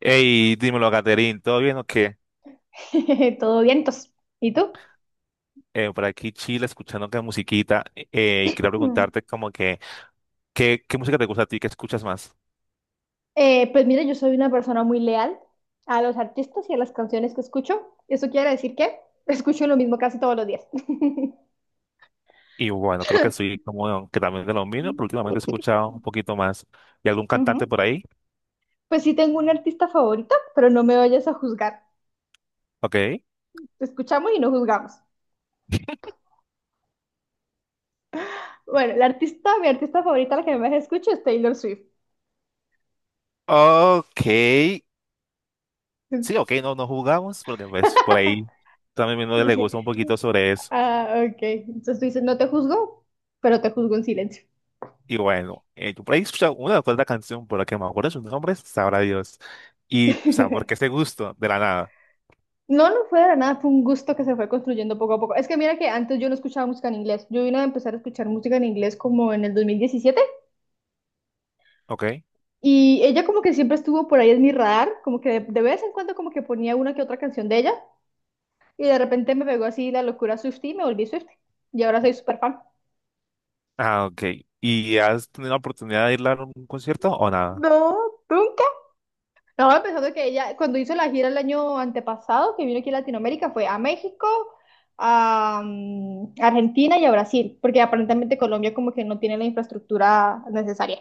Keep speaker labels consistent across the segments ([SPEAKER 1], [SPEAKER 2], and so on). [SPEAKER 1] Hey, dímelo, Caterín, ¿todo bien o qué?
[SPEAKER 2] Todo vientos. ¿Y tú?
[SPEAKER 1] Por aquí Chile escuchando que musiquita y quería
[SPEAKER 2] Mm.
[SPEAKER 1] preguntarte como que, ¿qué música te gusta a ti? ¿Qué escuchas más?
[SPEAKER 2] Pues mira, yo soy una persona muy leal a los artistas y a las canciones que escucho. Eso quiere decir que escucho lo mismo casi todos los días.
[SPEAKER 1] Y bueno, creo que soy como que también de lo mismo, pero últimamente he escuchado un poquito más. ¿Y algún cantante
[SPEAKER 2] Ujú.
[SPEAKER 1] por ahí?
[SPEAKER 2] Pues sí tengo un artista favorito, pero no me vayas a juzgar.
[SPEAKER 1] Ok.
[SPEAKER 2] Escuchamos y no juzgamos. Bueno, la artista, mi artista favorita, la que más escucho es Taylor Swift.
[SPEAKER 1] Ok. Sí, ok, no, no jugamos porque pues por ahí también no le
[SPEAKER 2] Sí.
[SPEAKER 1] gusta un poquito sobre eso.
[SPEAKER 2] Ah, ok. Entonces tú dices, no te juzgo, pero te juzgo en silencio.
[SPEAKER 1] Y bueno, yo por ahí he escuchado una o otra canción por la que me acuerdo sus nombres, sabrá Dios. Y, o sea, ¿por qué este gusto? De la nada,
[SPEAKER 2] No, no fue de la nada, fue un gusto que se fue construyendo poco a poco. Es que mira que antes yo no escuchaba música en inglés. Yo vine a empezar a escuchar música en inglés como en el 2017,
[SPEAKER 1] ¿ok?
[SPEAKER 2] y ella como que siempre estuvo por ahí en mi radar, como que de vez en cuando como que ponía una que otra canción de ella y de repente me pegó así la locura Swiftie y me volví Swiftie. Y ahora soy súper fan.
[SPEAKER 1] Ah, ok. ¿Y has tenido la oportunidad de ir a un concierto o nada?
[SPEAKER 2] No, ¿tú? Estaba pensando que ella, cuando hizo la gira el año antepasado, que vino aquí a Latinoamérica, fue a México, a Argentina y a Brasil, porque aparentemente Colombia como que no tiene la infraestructura necesaria.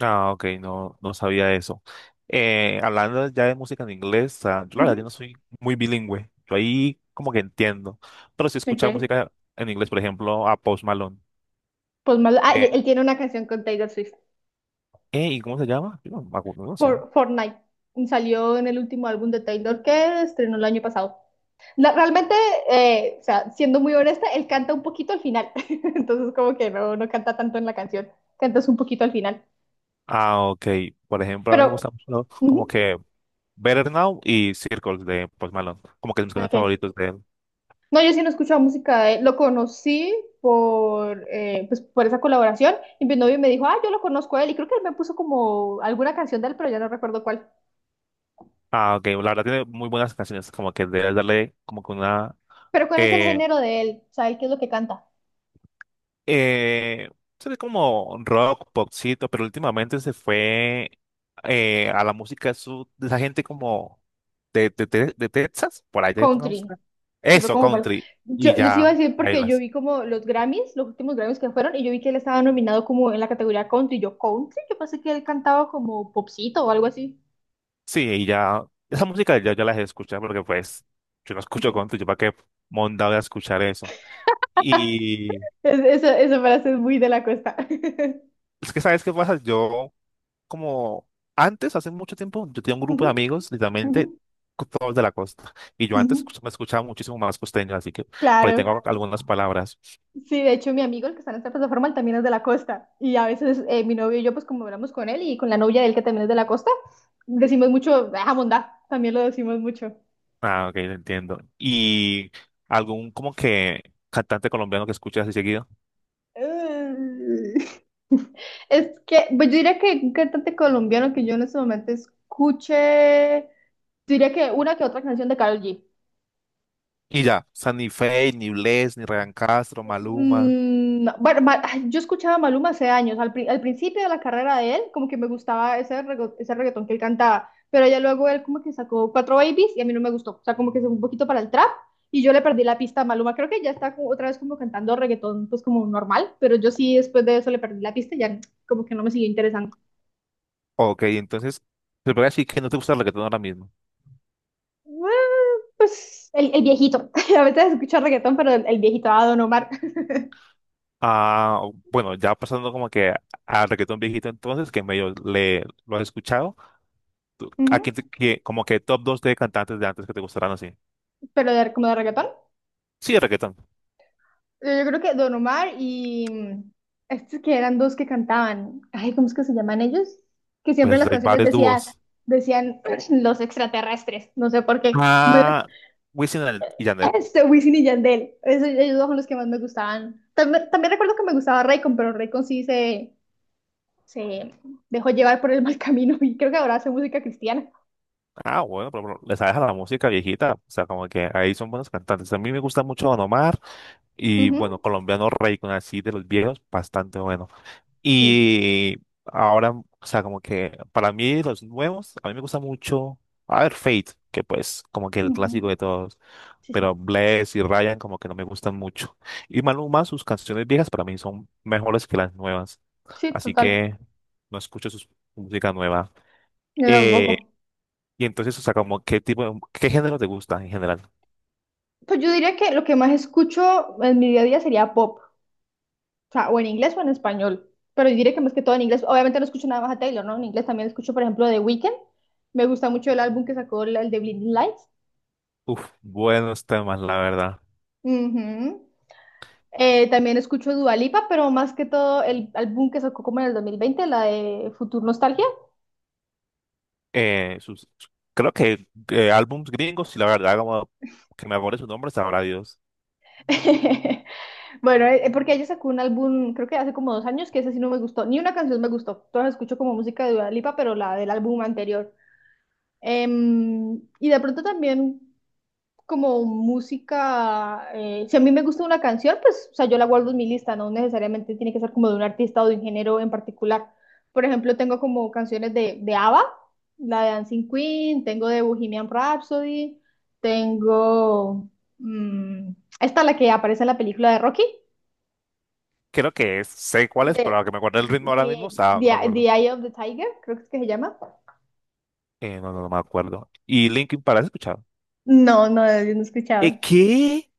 [SPEAKER 1] Ah, ok, no, no sabía eso. Hablando ya de música en inglés, ah, yo la verdad yo
[SPEAKER 2] Ujú.
[SPEAKER 1] no soy muy bilingüe. Yo ahí como que entiendo. Pero si
[SPEAKER 2] Ok.
[SPEAKER 1] escuchaba música en inglés, por ejemplo, a Post Malone.
[SPEAKER 2] Pues, y
[SPEAKER 1] Eh,
[SPEAKER 2] él tiene una canción con Taylor Swift,
[SPEAKER 1] ¿Y cómo se llama? Yo no, me acuerdo, no sé.
[SPEAKER 2] Fortnite. Salió en el último álbum de Taylor que estrenó el año pasado. Realmente, o sea, siendo muy honesta, él canta un poquito al final. Entonces como que no, no canta tanto en la canción, cantas un poquito al final.
[SPEAKER 1] Ah, ok. Por ejemplo, a mí me
[SPEAKER 2] Pero,
[SPEAKER 1] gusta mucho como
[SPEAKER 2] ujú,
[SPEAKER 1] que Better Now y Circles de Post Malone. Como que mis canciones
[SPEAKER 2] ok.
[SPEAKER 1] favoritos de él.
[SPEAKER 2] No, yo sí no escuchaba música de él. Lo conocí por esa colaboración. Y mi novio me dijo, ah, yo lo conozco a él. Y creo que él me puso como alguna canción de él, pero ya no recuerdo cuál.
[SPEAKER 1] Ah, ok. La verdad tiene muy buenas canciones. Como que debes darle como que una...
[SPEAKER 2] Pero, ¿cuál es el
[SPEAKER 1] eh,
[SPEAKER 2] género de él? ¿Sabes qué es lo que canta?
[SPEAKER 1] Eh, se ve como rock, popcito, pero últimamente se fue a la música sud, de esa gente como de Texas, por ahí te pongamos.
[SPEAKER 2] Country. Se fue
[SPEAKER 1] Eso,
[SPEAKER 2] como para.
[SPEAKER 1] country, y
[SPEAKER 2] Yo sí
[SPEAKER 1] ya,
[SPEAKER 2] iba a decir
[SPEAKER 1] ahí
[SPEAKER 2] porque yo
[SPEAKER 1] las.
[SPEAKER 2] vi como los Grammys, los últimos Grammys que fueron, y yo vi que él estaba nominado como en la categoría country. Yo, country, yo pensé que él cantaba como popcito o algo así.
[SPEAKER 1] Sí, y ya, esa música ya, ya las he escuchado, porque pues, yo no
[SPEAKER 2] Ok.
[SPEAKER 1] escucho country, yo para qué monda voy a escuchar eso. Y
[SPEAKER 2] Esa frase es muy de la costa.
[SPEAKER 1] es que, ¿sabes qué pasa? Yo como antes, hace mucho tiempo, yo tenía un grupo
[SPEAKER 2] Ujú,
[SPEAKER 1] de amigos,
[SPEAKER 2] ujú,
[SPEAKER 1] literalmente todos de la costa. Y yo antes
[SPEAKER 2] ujú.
[SPEAKER 1] me escuchaba muchísimo más costeño, así que por ahí
[SPEAKER 2] Claro.
[SPEAKER 1] tengo algunas palabras.
[SPEAKER 2] Sí, de hecho, mi amigo, el que está en esta plataforma, él también es de la costa. Y a veces mi novio y yo, pues como hablamos con él y con la novia de él, que también es de la costa, decimos mucho, ah, mondá, también lo decimos mucho.
[SPEAKER 1] Ah, ok, entiendo. Y algún como que cantante colombiano que escuche así seguido.
[SPEAKER 2] Ay. Es que, pues yo diría que un cantante colombiano que yo en este momento escuche, yo diría que una que otra canción de Karol G.
[SPEAKER 1] Y ya, o sea, ni Feid, ni Bless, ni Ryan Castro, Maluma.
[SPEAKER 2] Bueno, yo escuchaba a Maluma hace años, al principio de la carrera de él, como que me gustaba ese reggaetón que él cantaba, pero ya luego él como que sacó Cuatro Babies y a mí no me gustó, o sea, como que se fue un poquito para el trap y yo le perdí la pista a Maluma, creo que ya está como otra vez como cantando reggaetón pues como normal, pero yo sí después de eso le perdí la pista y ya como que no me siguió interesando.
[SPEAKER 1] Ok, entonces, te voy a decir que no te gusta el reggaetón ahora mismo.
[SPEAKER 2] Bueno, pues el viejito, a veces escucho reggaetón, pero el viejito, a Don Omar.
[SPEAKER 1] Ah, bueno, ya pasando como que al reggaetón viejito entonces, que medio le, lo has escuchado. ¿A
[SPEAKER 2] Ujú.
[SPEAKER 1] quién como que top 2 de cantantes de antes que te gustaran así?
[SPEAKER 2] Pero como de reggaetón.
[SPEAKER 1] Sí, de reggaetón.
[SPEAKER 2] Yo creo que Don Omar y estos que eran dos que cantaban. Ay, ¿cómo es que se llaman ellos? Que siempre
[SPEAKER 1] Pues
[SPEAKER 2] las
[SPEAKER 1] hay
[SPEAKER 2] canciones
[SPEAKER 1] varios
[SPEAKER 2] decían,
[SPEAKER 1] dúos.
[SPEAKER 2] decían los extraterrestres. No sé por qué.
[SPEAKER 1] Ah, Wisin y Yandel.
[SPEAKER 2] Este, Wisin y Yandel, esos ellos dos son los que más me gustaban. También, también recuerdo que me gustaba Raycon, pero Raycon sí se dejó llevar por el mal camino y creo que ahora hace música cristiana.
[SPEAKER 1] Ah, bueno, pero les deja la música viejita. O sea, como que ahí son buenos cantantes. A mí me gusta mucho Don Omar. Y bueno,
[SPEAKER 2] Ujú.
[SPEAKER 1] colombiano con así de los viejos, bastante bueno.
[SPEAKER 2] Sí.
[SPEAKER 1] Y ahora, o sea, como que para mí los nuevos, a mí me gusta mucho, a ver, Fate, que pues como que el
[SPEAKER 2] Ujú.
[SPEAKER 1] clásico de todos,
[SPEAKER 2] Sí, sí.
[SPEAKER 1] pero Bless y Ryan como que no me gustan mucho. Y Maluma, sus canciones viejas para mí son mejores que las nuevas,
[SPEAKER 2] Sí,
[SPEAKER 1] así
[SPEAKER 2] total.
[SPEAKER 1] que no escucho su música nueva.
[SPEAKER 2] Yo
[SPEAKER 1] Eh,
[SPEAKER 2] tampoco.
[SPEAKER 1] y entonces, o sea, como qué tipo, qué género te gusta en general.
[SPEAKER 2] Pues yo diría que lo que más escucho en mi día a día sería pop. O sea, o en inglés o en español. Pero yo diré que más que todo en inglés. Obviamente no escucho nada más a Taylor, ¿no? En inglés también escucho, por ejemplo, The Weeknd. Me gusta mucho el álbum que sacó el de Blinding Lights.
[SPEAKER 1] Uf, buenos temas, la verdad.
[SPEAKER 2] Ujú. También escucho Dua Lipa, pero más que todo el álbum que sacó como en el 2020, la de Future Nostalgia.
[SPEAKER 1] eh, sus, Creo que álbums gringos, y la verdad, como que me acuerde su nombre, sabrá Dios.
[SPEAKER 2] Bueno, porque ella sacó un álbum, creo que hace como 2 años, que ese sí no me gustó. Ni una canción me gustó. Todas escucho como música de Dua Lipa, pero la del álbum anterior. Y de pronto también, como música, si a mí me gusta una canción, pues, o sea, yo la guardo en mi lista, no necesariamente tiene que ser como de un artista o de un género en particular. Por ejemplo, tengo como canciones de, ABBA, la de Dancing Queen, tengo de Bohemian Rhapsody, tengo mm, esta la que aparece en la película de Rocky,
[SPEAKER 1] Creo que es, sé cuál es,
[SPEAKER 2] de,
[SPEAKER 1] pero a que me acuerde el ritmo ahora mismo, o sea, no me
[SPEAKER 2] The
[SPEAKER 1] acuerdo.
[SPEAKER 2] Eye of the Tiger, creo que es que se llama.
[SPEAKER 1] No, no, no me acuerdo. ¿Y Linkin Park has escuchado?
[SPEAKER 2] No, no, yo no he escuchado.
[SPEAKER 1] Qué?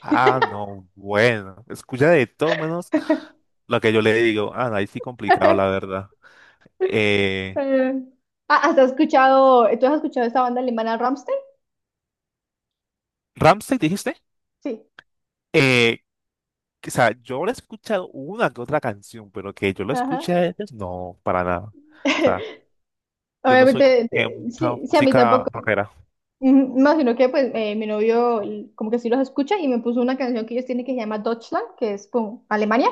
[SPEAKER 1] Ah, no, bueno, escucha de todo menos lo que yo le digo. Ah, no, ahí sí complicado, la verdad. Eh,
[SPEAKER 2] Eh, ¿has escuchado, tú has escuchado esta banda alemana Rammstein?
[SPEAKER 1] ¿Rammstein dijiste?
[SPEAKER 2] Sí.
[SPEAKER 1] Eh, o sea, yo le he escuchado una que otra canción, pero que yo lo
[SPEAKER 2] Ajá.
[SPEAKER 1] escuché a ellos, no, para nada. O sea, yo no soy como
[SPEAKER 2] Obviamente,
[SPEAKER 1] que mucha
[SPEAKER 2] sí, sí, a mí
[SPEAKER 1] música
[SPEAKER 2] tampoco.
[SPEAKER 1] rockera.
[SPEAKER 2] No, sino que pues mi novio como que sí los escucha y me puso una canción que ellos tienen que se llama Deutschland, que es como Alemania.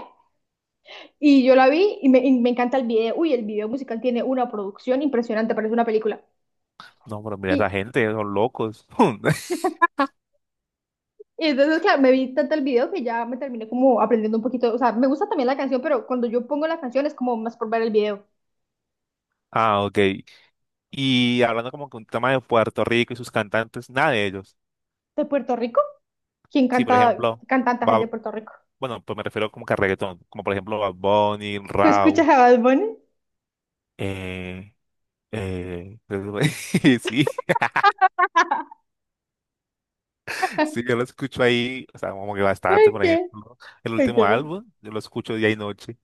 [SPEAKER 2] Y yo la vi y y me encanta el video. Uy, el video musical tiene una producción impresionante, parece una película.
[SPEAKER 1] No, pero mira, esa
[SPEAKER 2] Y,
[SPEAKER 1] gente, son locos.
[SPEAKER 2] y entonces, claro, me vi tanto el video que ya me terminé como aprendiendo un poquito. O sea, me gusta también la canción, pero cuando yo pongo la canción es como más por ver el video.
[SPEAKER 1] Ah, ok. Y hablando como que un tema de Puerto Rico y sus cantantes, nada de ellos.
[SPEAKER 2] ¿De Puerto Rico? ¿Quién
[SPEAKER 1] Sí, por
[SPEAKER 2] canta
[SPEAKER 1] ejemplo,
[SPEAKER 2] cantantes es
[SPEAKER 1] Bad-
[SPEAKER 2] de Puerto Rico?
[SPEAKER 1] bueno, pues me refiero como que a reggaetón, como por ejemplo Bad Bunny,
[SPEAKER 2] ¿Tú
[SPEAKER 1] Rauw,
[SPEAKER 2] escuchas a Bad Bunny?
[SPEAKER 1] eh, eh, sí, sí, yo lo escucho ahí, o sea, como que
[SPEAKER 2] Ok,
[SPEAKER 1] bastante, por ejemplo, ¿no? El último
[SPEAKER 2] ok.
[SPEAKER 1] álbum, yo lo escucho día y noche.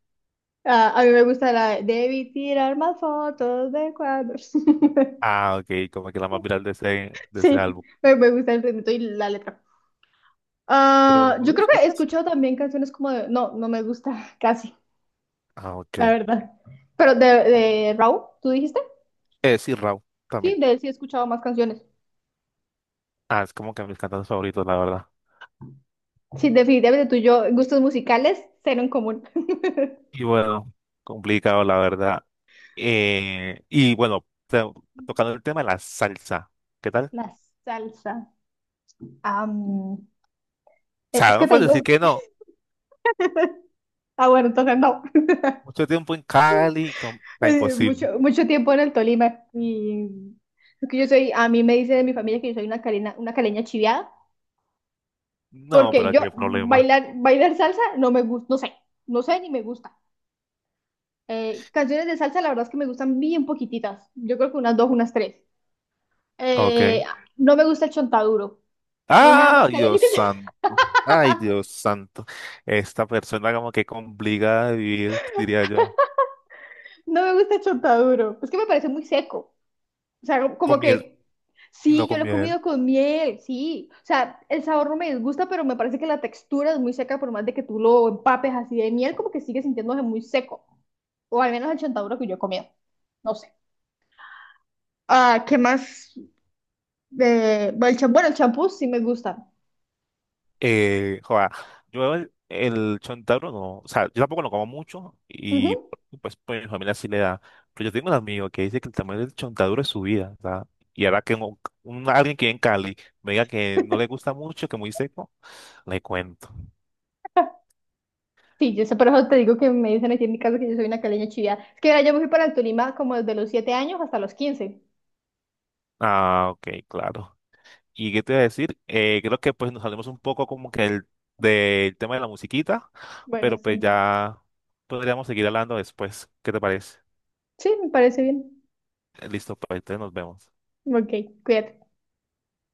[SPEAKER 2] Ah, a mí me gusta la de Debí tirar más fotos de cuadros.
[SPEAKER 1] Ah, ok, como que la más viral de ese
[SPEAKER 2] Sí,
[SPEAKER 1] álbum.
[SPEAKER 2] me gusta el ritmo y la letra.
[SPEAKER 1] Pero,
[SPEAKER 2] Ah,
[SPEAKER 1] ¿no
[SPEAKER 2] yo
[SPEAKER 1] lo
[SPEAKER 2] creo que he
[SPEAKER 1] escuchas?
[SPEAKER 2] escuchado también canciones como de. No, no me gusta casi,
[SPEAKER 1] Ah,
[SPEAKER 2] la
[SPEAKER 1] ok.
[SPEAKER 2] verdad. Pero de, Raúl, ¿tú dijiste?
[SPEAKER 1] Sí, Rauw
[SPEAKER 2] Sí,
[SPEAKER 1] también.
[SPEAKER 2] de él sí he escuchado más canciones.
[SPEAKER 1] Ah, es como que mis cantantes favoritos, la verdad.
[SPEAKER 2] Sí, definitivamente tú y yo, gustos musicales, cero en común.
[SPEAKER 1] Y bueno, complicado, la verdad. Y bueno, tocando el tema de la salsa, ¿qué tal?
[SPEAKER 2] La salsa. Am,
[SPEAKER 1] O
[SPEAKER 2] es
[SPEAKER 1] sea,
[SPEAKER 2] que
[SPEAKER 1] no
[SPEAKER 2] te
[SPEAKER 1] puedes
[SPEAKER 2] digo.
[SPEAKER 1] decir que no.
[SPEAKER 2] Ah, bueno, entonces no.
[SPEAKER 1] Mucho tiempo en Cali, está imposible.
[SPEAKER 2] Mucho, mucho tiempo en el Tolima. Y es que yo soy, a mí me dice de mi familia que yo soy una caleña chiviada,
[SPEAKER 1] No,
[SPEAKER 2] porque
[SPEAKER 1] pero
[SPEAKER 2] yo
[SPEAKER 1] qué problema.
[SPEAKER 2] bailar salsa no me gusta, no sé, no sé ni me gusta. Canciones de salsa, la verdad es que me gustan bien poquititas. Yo creo que unas dos, unas tres.
[SPEAKER 1] Ok.
[SPEAKER 2] Eh, no me gusta el chontaduro. No hay nada
[SPEAKER 1] Ah,
[SPEAKER 2] más caleño
[SPEAKER 1] Dios
[SPEAKER 2] que
[SPEAKER 1] santo. Ay, Dios santo. Esta persona como que complicada de vivir, diría yo.
[SPEAKER 2] no me gusta el chontaduro. Es que me parece muy seco. O sea,
[SPEAKER 1] Con
[SPEAKER 2] como
[SPEAKER 1] miel
[SPEAKER 2] que
[SPEAKER 1] y no
[SPEAKER 2] sí, yo
[SPEAKER 1] con
[SPEAKER 2] lo he
[SPEAKER 1] miel.
[SPEAKER 2] comido con miel, sí. O sea, el sabor no me disgusta, pero me parece que la textura es muy seca, por más de que tú lo empapes así de miel, como que sigue sintiéndose muy seco. O al menos el chontaduro que yo he comido. No sé. Ah, ¿qué más? Bueno, el champú sí me gusta.
[SPEAKER 1] Joda, yo el chontaduro no, o sea, yo tampoco lo como mucho y
[SPEAKER 2] Ujú.
[SPEAKER 1] pues, pues mi familia sí le da, pero yo tengo un amigo que dice que el tamaño del chontaduro es su vida, o y ahora que alguien que vive en Cali me diga que no le gusta mucho, que muy seco, le cuento.
[SPEAKER 2] Sí, yo sé, por eso te digo que me dicen aquí en mi casa que yo soy una caleña chivia. Es que mira, yo me fui para el Tolima como desde los 7 años hasta los 15.
[SPEAKER 1] Ah, ok, claro. ¿Y qué te iba a decir? Creo que pues nos salimos un poco como que el, del tema de la musiquita,
[SPEAKER 2] Bueno,
[SPEAKER 1] pero pues
[SPEAKER 2] sí.
[SPEAKER 1] ya podríamos seguir hablando después, ¿qué te parece?
[SPEAKER 2] Sí, me parece bien.
[SPEAKER 1] Listo, pues entonces nos vemos.
[SPEAKER 2] Ok, cuídate.